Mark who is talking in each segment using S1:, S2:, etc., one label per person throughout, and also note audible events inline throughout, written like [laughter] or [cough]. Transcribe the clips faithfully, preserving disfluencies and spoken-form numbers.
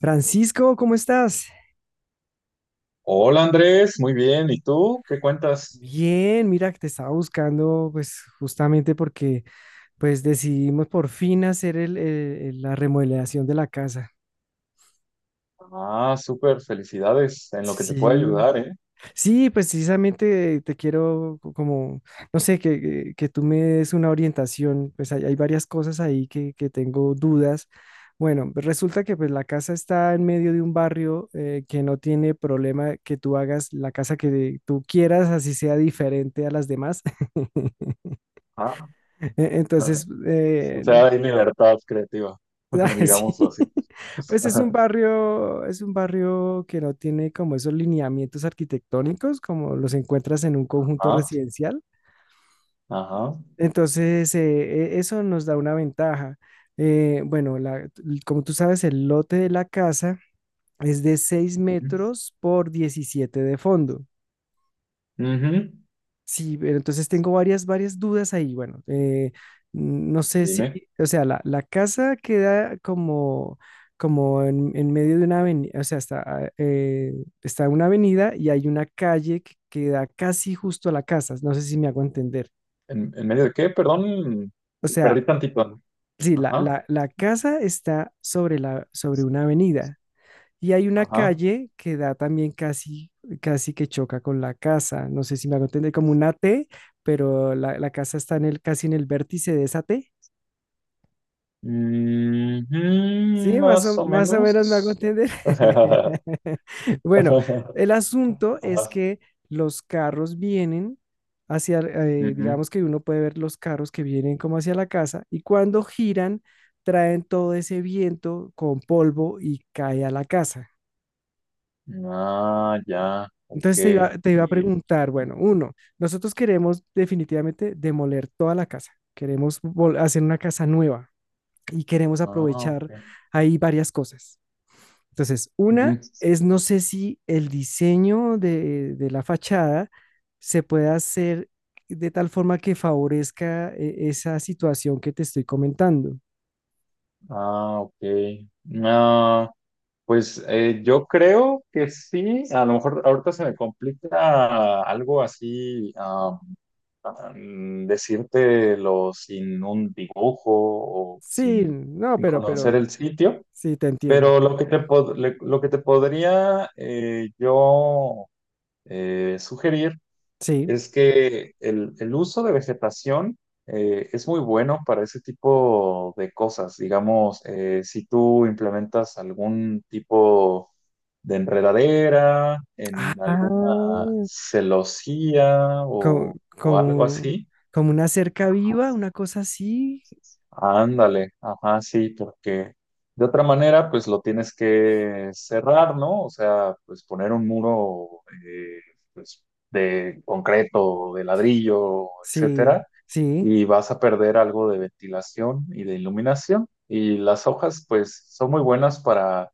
S1: Francisco, ¿cómo estás?
S2: Hola Andrés, muy bien. ¿Y tú qué cuentas?
S1: Bien, mira, que te estaba buscando, pues justamente porque pues decidimos por fin hacer el, eh, la remodelación de la casa.
S2: Ah, súper, felicidades. En lo que te puede
S1: Sí,
S2: ayudar, ¿eh?
S1: sí, pues precisamente te quiero co- como, no sé, que, que- que tú me des una orientación, pues hay, hay varias cosas ahí que, que tengo dudas. Bueno, pues, resulta que pues la casa está en medio de un barrio eh, que no tiene problema que tú hagas la casa que tú quieras, así sea diferente a las demás. [laughs]
S2: Ah,
S1: E-
S2: [laughs]
S1: Entonces,
S2: o
S1: eh,
S2: sea, hay libertad creativa, [laughs]
S1: [laughs] sí,
S2: digámoslo así.
S1: pues es un
S2: [laughs]
S1: barrio, es un barrio que no tiene como esos lineamientos arquitectónicos como los encuentras en un conjunto
S2: Ah,
S1: residencial.
S2: ajá.
S1: Entonces, eh, e- eso nos da una ventaja. Eh, bueno, la- como tú sabes, el lote de la casa es de seis metros por diecisiete de fondo.
S2: Ujú.
S1: Sí, pero entonces tengo varias, varias dudas ahí. Bueno, eh, no sé si,
S2: Dime,
S1: o sea, la, la casa queda como, como en, en medio de una avenida, o sea, está, ah, eh, está una avenida y hay una calle que queda casi justo a la casa. No sé si me hago entender.
S2: ¿en, en medio de qué? Perdón,
S1: O sea,
S2: perdí tantito.
S1: sí, la,
S2: Ajá,
S1: la, la casa está sobre la, sobre una avenida. Y hay una
S2: ajá.
S1: calle que da también casi, casi que choca con la casa. No sé si me hago entender, como una T, pero la, la casa está en el, casi en el vértice de esa T.
S2: Ujú,
S1: Sí, más
S2: más
S1: o,
S2: o
S1: más o menos me hago
S2: menos. [laughs]
S1: entender.
S2: Ajá.
S1: [laughs] Bueno, el asunto es que los carros vienen hacia, eh,
S2: Ujú.
S1: digamos que uno puede ver los carros que vienen como hacia la casa y cuando giran traen todo ese viento con polvo y cae a la casa.
S2: Ah, ya, ok.
S1: Entonces te iba, te iba a
S2: Y-
S1: preguntar, bueno, uno, nosotros queremos definitivamente demoler toda la casa, queremos vol- hacer una casa nueva y queremos
S2: Ah,
S1: aprovechar
S2: ok.
S1: ahí varias cosas. Entonces, una
S2: Ujú.
S1: es, no sé si el diseño de, de la fachada se puede hacer de tal forma que favorezca eh, esa situación que te estoy comentando.
S2: Ah, ok. No, pues eh, yo creo que sí. A lo mejor ahorita se me complica algo así, ah, ah, mm, decírtelo sin un dibujo o
S1: Sí,
S2: sin,
S1: no,
S2: sin
S1: pero, pero,
S2: conocer el sitio,
S1: sí, te entiendo.
S2: pero lo que te, pod- le- lo que te podría eh, yo eh, sugerir
S1: Sí.
S2: es que el, el uso de vegetación eh, es muy bueno para ese tipo de cosas. Digamos, eh, si tú implementas algún tipo de enredadera en
S1: Ah,
S2: alguna celosía
S1: como,
S2: o, o algo
S1: como,
S2: así.
S1: como una cerca viva, una cosa así.
S2: Ándale, ajá, sí, porque de otra manera, pues lo tienes que cerrar, ¿no? O sea, pues poner un muro, eh, pues, de concreto, de ladrillo,
S1: Sí,
S2: etcétera,
S1: sí,
S2: y vas a perder algo de ventilación y de iluminación. Y las hojas, pues, son muy buenas para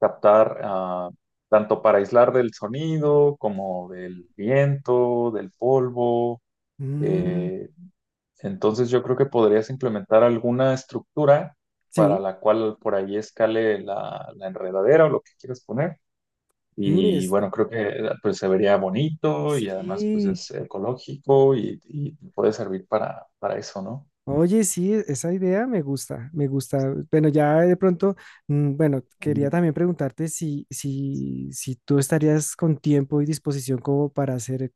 S2: captar, ah, tanto para aislar del sonido como del viento, del polvo,
S1: mm,
S2: eh, entonces yo creo que podrías implementar alguna estructura
S1: sí,
S2: para la cual por ahí escale la, la enredadera o lo que quieras poner.
S1: mm,
S2: Y
S1: es-
S2: bueno, creo que pues, se vería bonito y además pues
S1: sí.
S2: es ecológico y, y puede servir para, para eso, ¿no?
S1: Oye, sí, e- esa idea me gusta, me gusta. Bueno, ya de pronto, mm, bueno, quería
S2: Ujú.
S1: también preguntarte si, si, si tú estarías con tiempo y disposición como para hacer,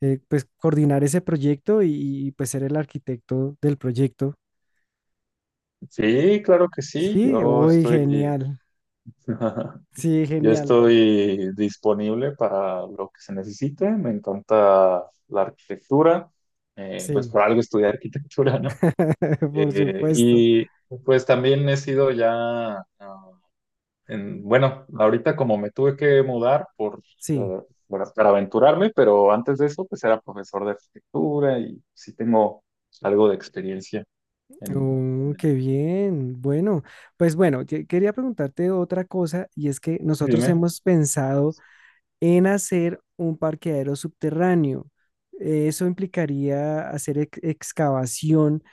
S1: eh, pues coordinar ese proyecto y, y, pues ser el arquitecto del proyecto.
S2: Sí, claro que sí.
S1: Sí,
S2: Yo
S1: uy,
S2: estoy,
S1: genial.
S2: [laughs]
S1: Sí,
S2: yo
S1: genial.
S2: estoy disponible para lo que se necesite. Me encanta la arquitectura. Eh, pues
S1: Sí.
S2: por algo estudié arquitectura, no.
S1: [laughs] Por
S2: Eh,
S1: supuesto.
S2: y pues también he sido ya, ah, en- bueno, ahorita como me tuve que mudar por,
S1: Sí.
S2: eh, para, para aventurarme, pero antes de eso pues era profesor de arquitectura y sí tengo algo de experiencia en...
S1: Oh, qué bien. Bueno, pues bueno, que- quería preguntarte otra cosa y es que
S2: Y
S1: nosotros
S2: dime.
S1: hemos pensado en hacer un parqueadero subterráneo. Eso implicaría hacer ex- excavación.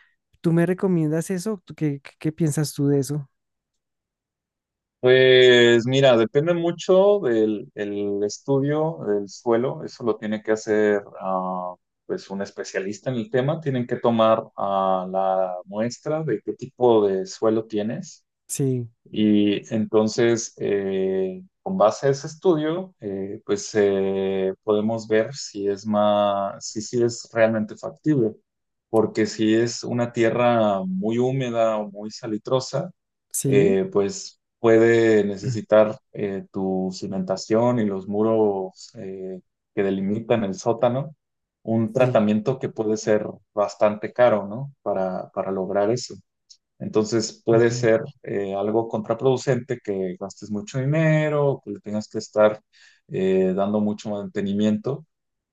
S1: ¿Tú me recomiendas eso? ¿Tú ¿Qué, qué, qué piensas tú de eso?
S2: Pues mira, depende mucho del el estudio del suelo. Eso lo tiene que hacer, ah, pues, un especialista en el tema. Tienen que tomar, ah, la muestra de qué tipo de suelo tienes.
S1: Sí,
S2: Y entonces, eh, con base a ese estudio, eh, pues eh, podemos ver si es más, si, sí es realmente factible, porque si es una tierra muy húmeda o muy salitrosa,
S1: sí,
S2: eh, pues puede
S1: [clears throat]
S2: necesitar eh, tu cimentación y los muros eh, que delimitan el sótano, un
S1: sí.
S2: tratamiento que puede ser bastante caro, ¿no? Para, para lograr eso. Entonces puede
S1: Mm,
S2: ser, eh, algo contraproducente que gastes mucho dinero, que le tengas que estar, eh, dando mucho mantenimiento,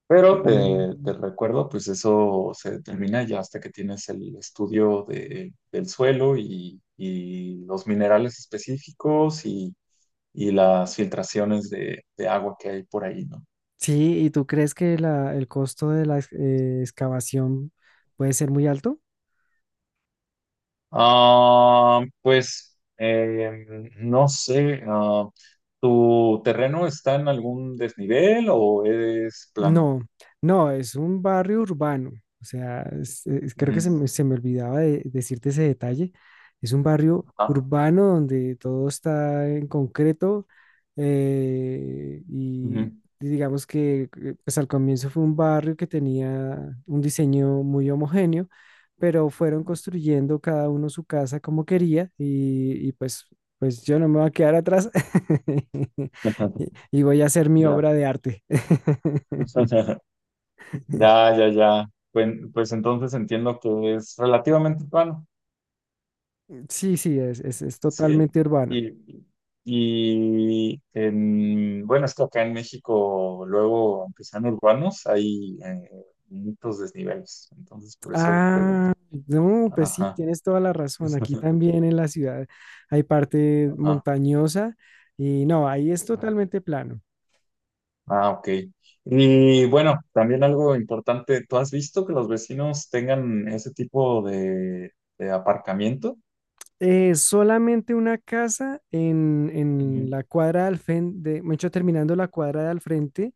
S2: pero te,
S1: mm.
S2: te recuerdo, pues eso se determina ya hasta que tienes el estudio de- del suelo y, y los minerales específicos y, y las filtraciones de, de agua que hay por ahí, ¿no?
S1: Sí, ¿y tú crees que la- el costo de la ex- eh, excavación puede ser muy alto?
S2: Ah, pues em, no sé, ah, ¿tu terreno está en algún desnivel o es plano?
S1: No, no, es un barrio urbano. O sea, es- es- creo que se
S2: Ujú.
S1: me, se me olvidaba de decirte ese detalle. Es un barrio
S2: Ah,
S1: urbano donde todo está en concreto eh,
S2: ujú.
S1: y digamos que eh, pues al comienzo fue un barrio que tenía un diseño muy homogéneo, pero fueron construyendo cada uno su casa como quería y, y pues, pues yo no me voy a quedar atrás [laughs] y
S2: [laughs]
S1: y voy a hacer mi
S2: Ya.
S1: obra de arte.
S2: [laughs] Ya, ya, ya. Pues, pues entonces entiendo que es relativamente plano,
S1: Sí, sí, es, es, es
S2: ¿sí?
S1: totalmente urbano.
S2: Y, y en, bueno, es que acá en México, luego, aunque sean urbanos, hay eh, muchos desniveles. Entonces, por eso pregunto.
S1: Ah, no, pues sí,
S2: Ajá.
S1: tienes toda la razón. Aquí
S2: [laughs]
S1: también en la ciudad hay parte
S2: Ah,
S1: montañosa y no, ahí es
S2: ah,
S1: totalmente plano.
S2: ah, ok. Y bueno, también algo importante, ¿tú has visto que los vecinos tengan ese tipo de, de aparcamiento?
S1: Eh, solamente una casa en, en
S2: Ujú,
S1: la cuadra al frente, de hecho, terminando la cuadra de al frente,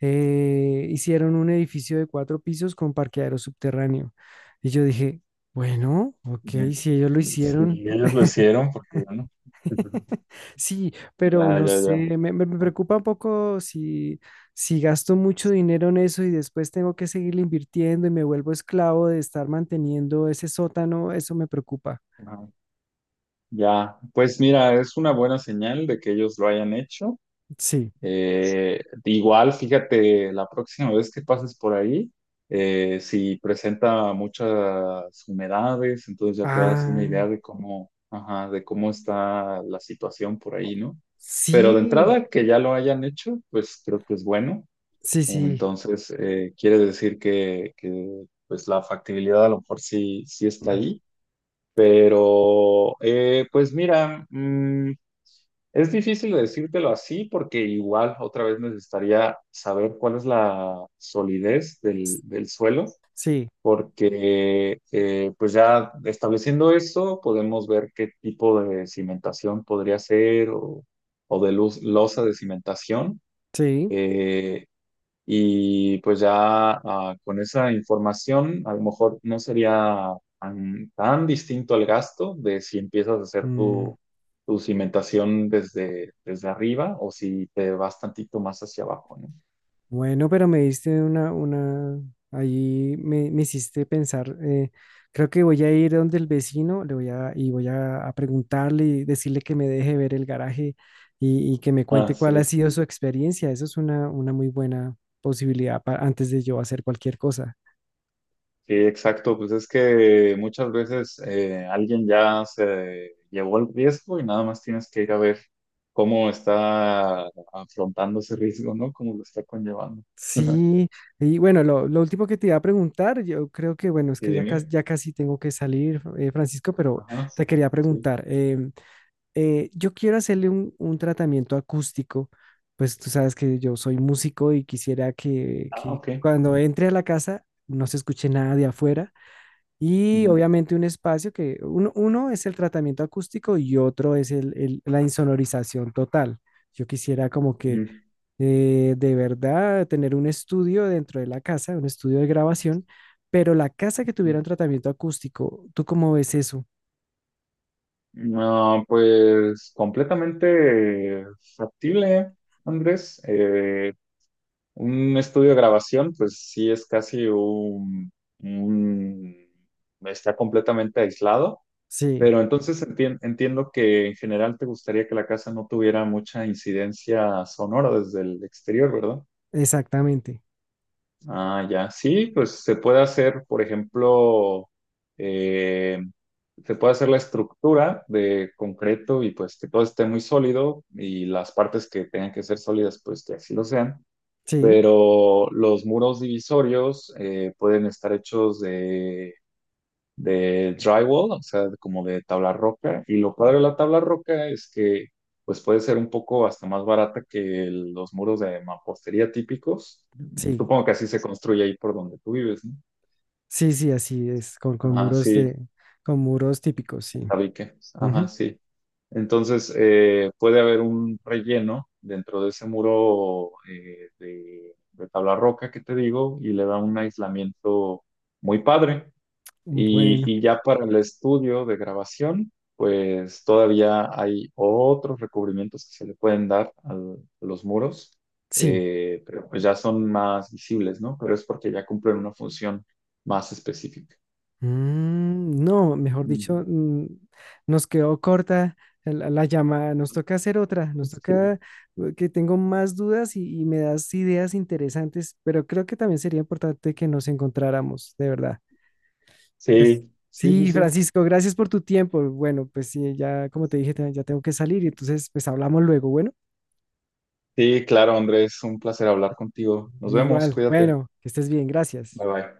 S1: eh, hicieron un edificio de cuatro pisos con parqueadero subterráneo. Y yo dije, bueno, ok,
S2: ujú.
S1: si ellos lo
S2: Sí,
S1: hicieron,
S2: ellos lo hicieron porque, bueno,
S1: [laughs] sí, pero
S2: ya,
S1: no
S2: ya, ya.
S1: sé, me, me- me preocupa un poco si, si gasto mucho dinero en eso y después tengo que seguir invirtiendo y me vuelvo esclavo de estar manteniendo ese sótano, eso me preocupa.
S2: Ajá. Ya, pues mira, es una buena señal de que ellos lo hayan hecho.
S1: Sí.
S2: Eh, Igual, fíjate, la próxima vez que pases por ahí, eh, si presenta muchas humedades, entonces ya te das una
S1: Ah,
S2: idea de cómo, ajá, de cómo está la situación por ahí, ¿no? Pero de
S1: sí,
S2: entrada, que ya lo hayan hecho, pues creo que es bueno.
S1: sí, sí.
S2: Entonces, eh, quiere decir que, que, pues la factibilidad a lo mejor sí,
S1: [clears throat]
S2: sí está
S1: Mm,
S2: ahí. Pero, eh, pues mira, mm, es difícil decírtelo así porque igual otra vez necesitaría saber cuál es la solidez del, del suelo,
S1: sí,
S2: porque eh, pues ya estableciendo eso podemos ver qué tipo de cimentación podría ser o, o de luz, losa de cimentación.
S1: sí.
S2: Eh, y pues ya ah, con esa información, a lo mejor no sería tan, tan distinto el gasto de si empiezas a hacer
S1: Mm.
S2: tu, tu cimentación desde, desde arriba o si te vas tantito más hacia abajo, ¿no?
S1: Bueno, pero me diste una, una, ahí me, me hiciste pensar, eh, creo que voy a ir donde el vecino, le voy a, y voy a, a preguntarle y decirle que me deje ver el garaje y, y que me
S2: Ah,
S1: cuente cuál ha
S2: sí,
S1: sido su experiencia. Eso es una, una muy buena posibilidad para, antes de yo hacer cualquier cosa.
S2: sí, exacto. Pues es que muchas veces, eh, alguien ya se llevó el riesgo y nada más tienes que ir a ver cómo está afrontando ese riesgo, ¿no? Cómo lo está conllevando. [laughs]
S1: Sí, y bueno, lo, lo último que te iba a preguntar, yo creo que, bueno, es
S2: Y
S1: que ya, cas-
S2: dime.
S1: ya casi tengo que salir, eh, Francisco, pero
S2: Ajá.
S1: te quería
S2: Sí.
S1: preguntar. Em, eh, yo quiero hacerle un, un tratamiento acústico, pues tú sabes que yo soy músico y quisiera que,
S2: Ah,
S1: que
S2: ok.
S1: cuando entre a la casa no se escuche nada de afuera y
S2: Ujú,
S1: obviamente un espacio que uno, uno es el tratamiento acústico y otro es el- el- la insonorización total. Yo quisiera como que
S2: ujú,
S1: eh, de verdad tener un estudio dentro de la casa, un estudio de grabación, pero la casa que tuviera
S2: ujú.
S1: un tratamiento acústico, ¿tú cómo ves eso?
S2: No, pues completamente factible, Andrés. Eh, un estudio de grabación, pues sí es casi un, un- está completamente aislado,
S1: Sí,
S2: pero entonces entien- entiendo que en general te gustaría que la casa no tuviera mucha incidencia sonora desde el exterior, ¿verdad?
S1: exactamente.
S2: Ah, ya. Sí, pues se puede hacer, por ejemplo, eh, se puede hacer la estructura de concreto y pues que todo esté muy sólido y las partes que tengan que ser sólidas, pues que así lo sean.
S1: Sí,
S2: Pero los muros divisorios, eh, pueden estar hechos de drywall, o sea, de- como de tabla roca. Y lo padre de la tabla roca es que pues puede ser un poco hasta más barata que el- los muros de mampostería típicos.
S1: sí.
S2: Supongo que así se construye ahí por donde tú vives, ¿no?
S1: Sí, sí, así es, con, con
S2: Ajá,
S1: muros
S2: sí,
S1: de, con muros típicos, sí.
S2: tabique. Ajá,
S1: Ujú.
S2: sí. Entonces, eh, puede haber un relleno dentro de ese muro, eh, de, de tabla roca que te digo y le da un aislamiento muy padre. Y,
S1: Bueno,
S2: y ya para el estudio de grabación, pues todavía hay otros recubrimientos que se le pueden dar al- a los muros,
S1: sí.
S2: eh, pero pues ya son más visibles, ¿no? Pero es porque ya cumplen una función más específica.
S1: Mm, no, mejor
S2: Ujú.
S1: dicho, mm, nos quedó corta la, la llamada. Nos toca hacer otra. Nos
S2: Sí,
S1: toca eh, que tengo más dudas y, y me das ideas interesantes, pero creo que también sería importante que nos encontráramos, de verdad. Pues
S2: sí, sí,
S1: sí,
S2: sí.
S1: Francisco, gracias por tu tiempo. Bueno, pues sí, ya como te dije, te- ya tengo que salir y
S2: Sí,
S1: entonces pues hablamos luego. Bueno,
S2: sí, claro, Andrés, un placer hablar contigo. Nos vemos,
S1: igual.
S2: cuídate.
S1: Bueno, que estés bien, gracias.
S2: Bye bye.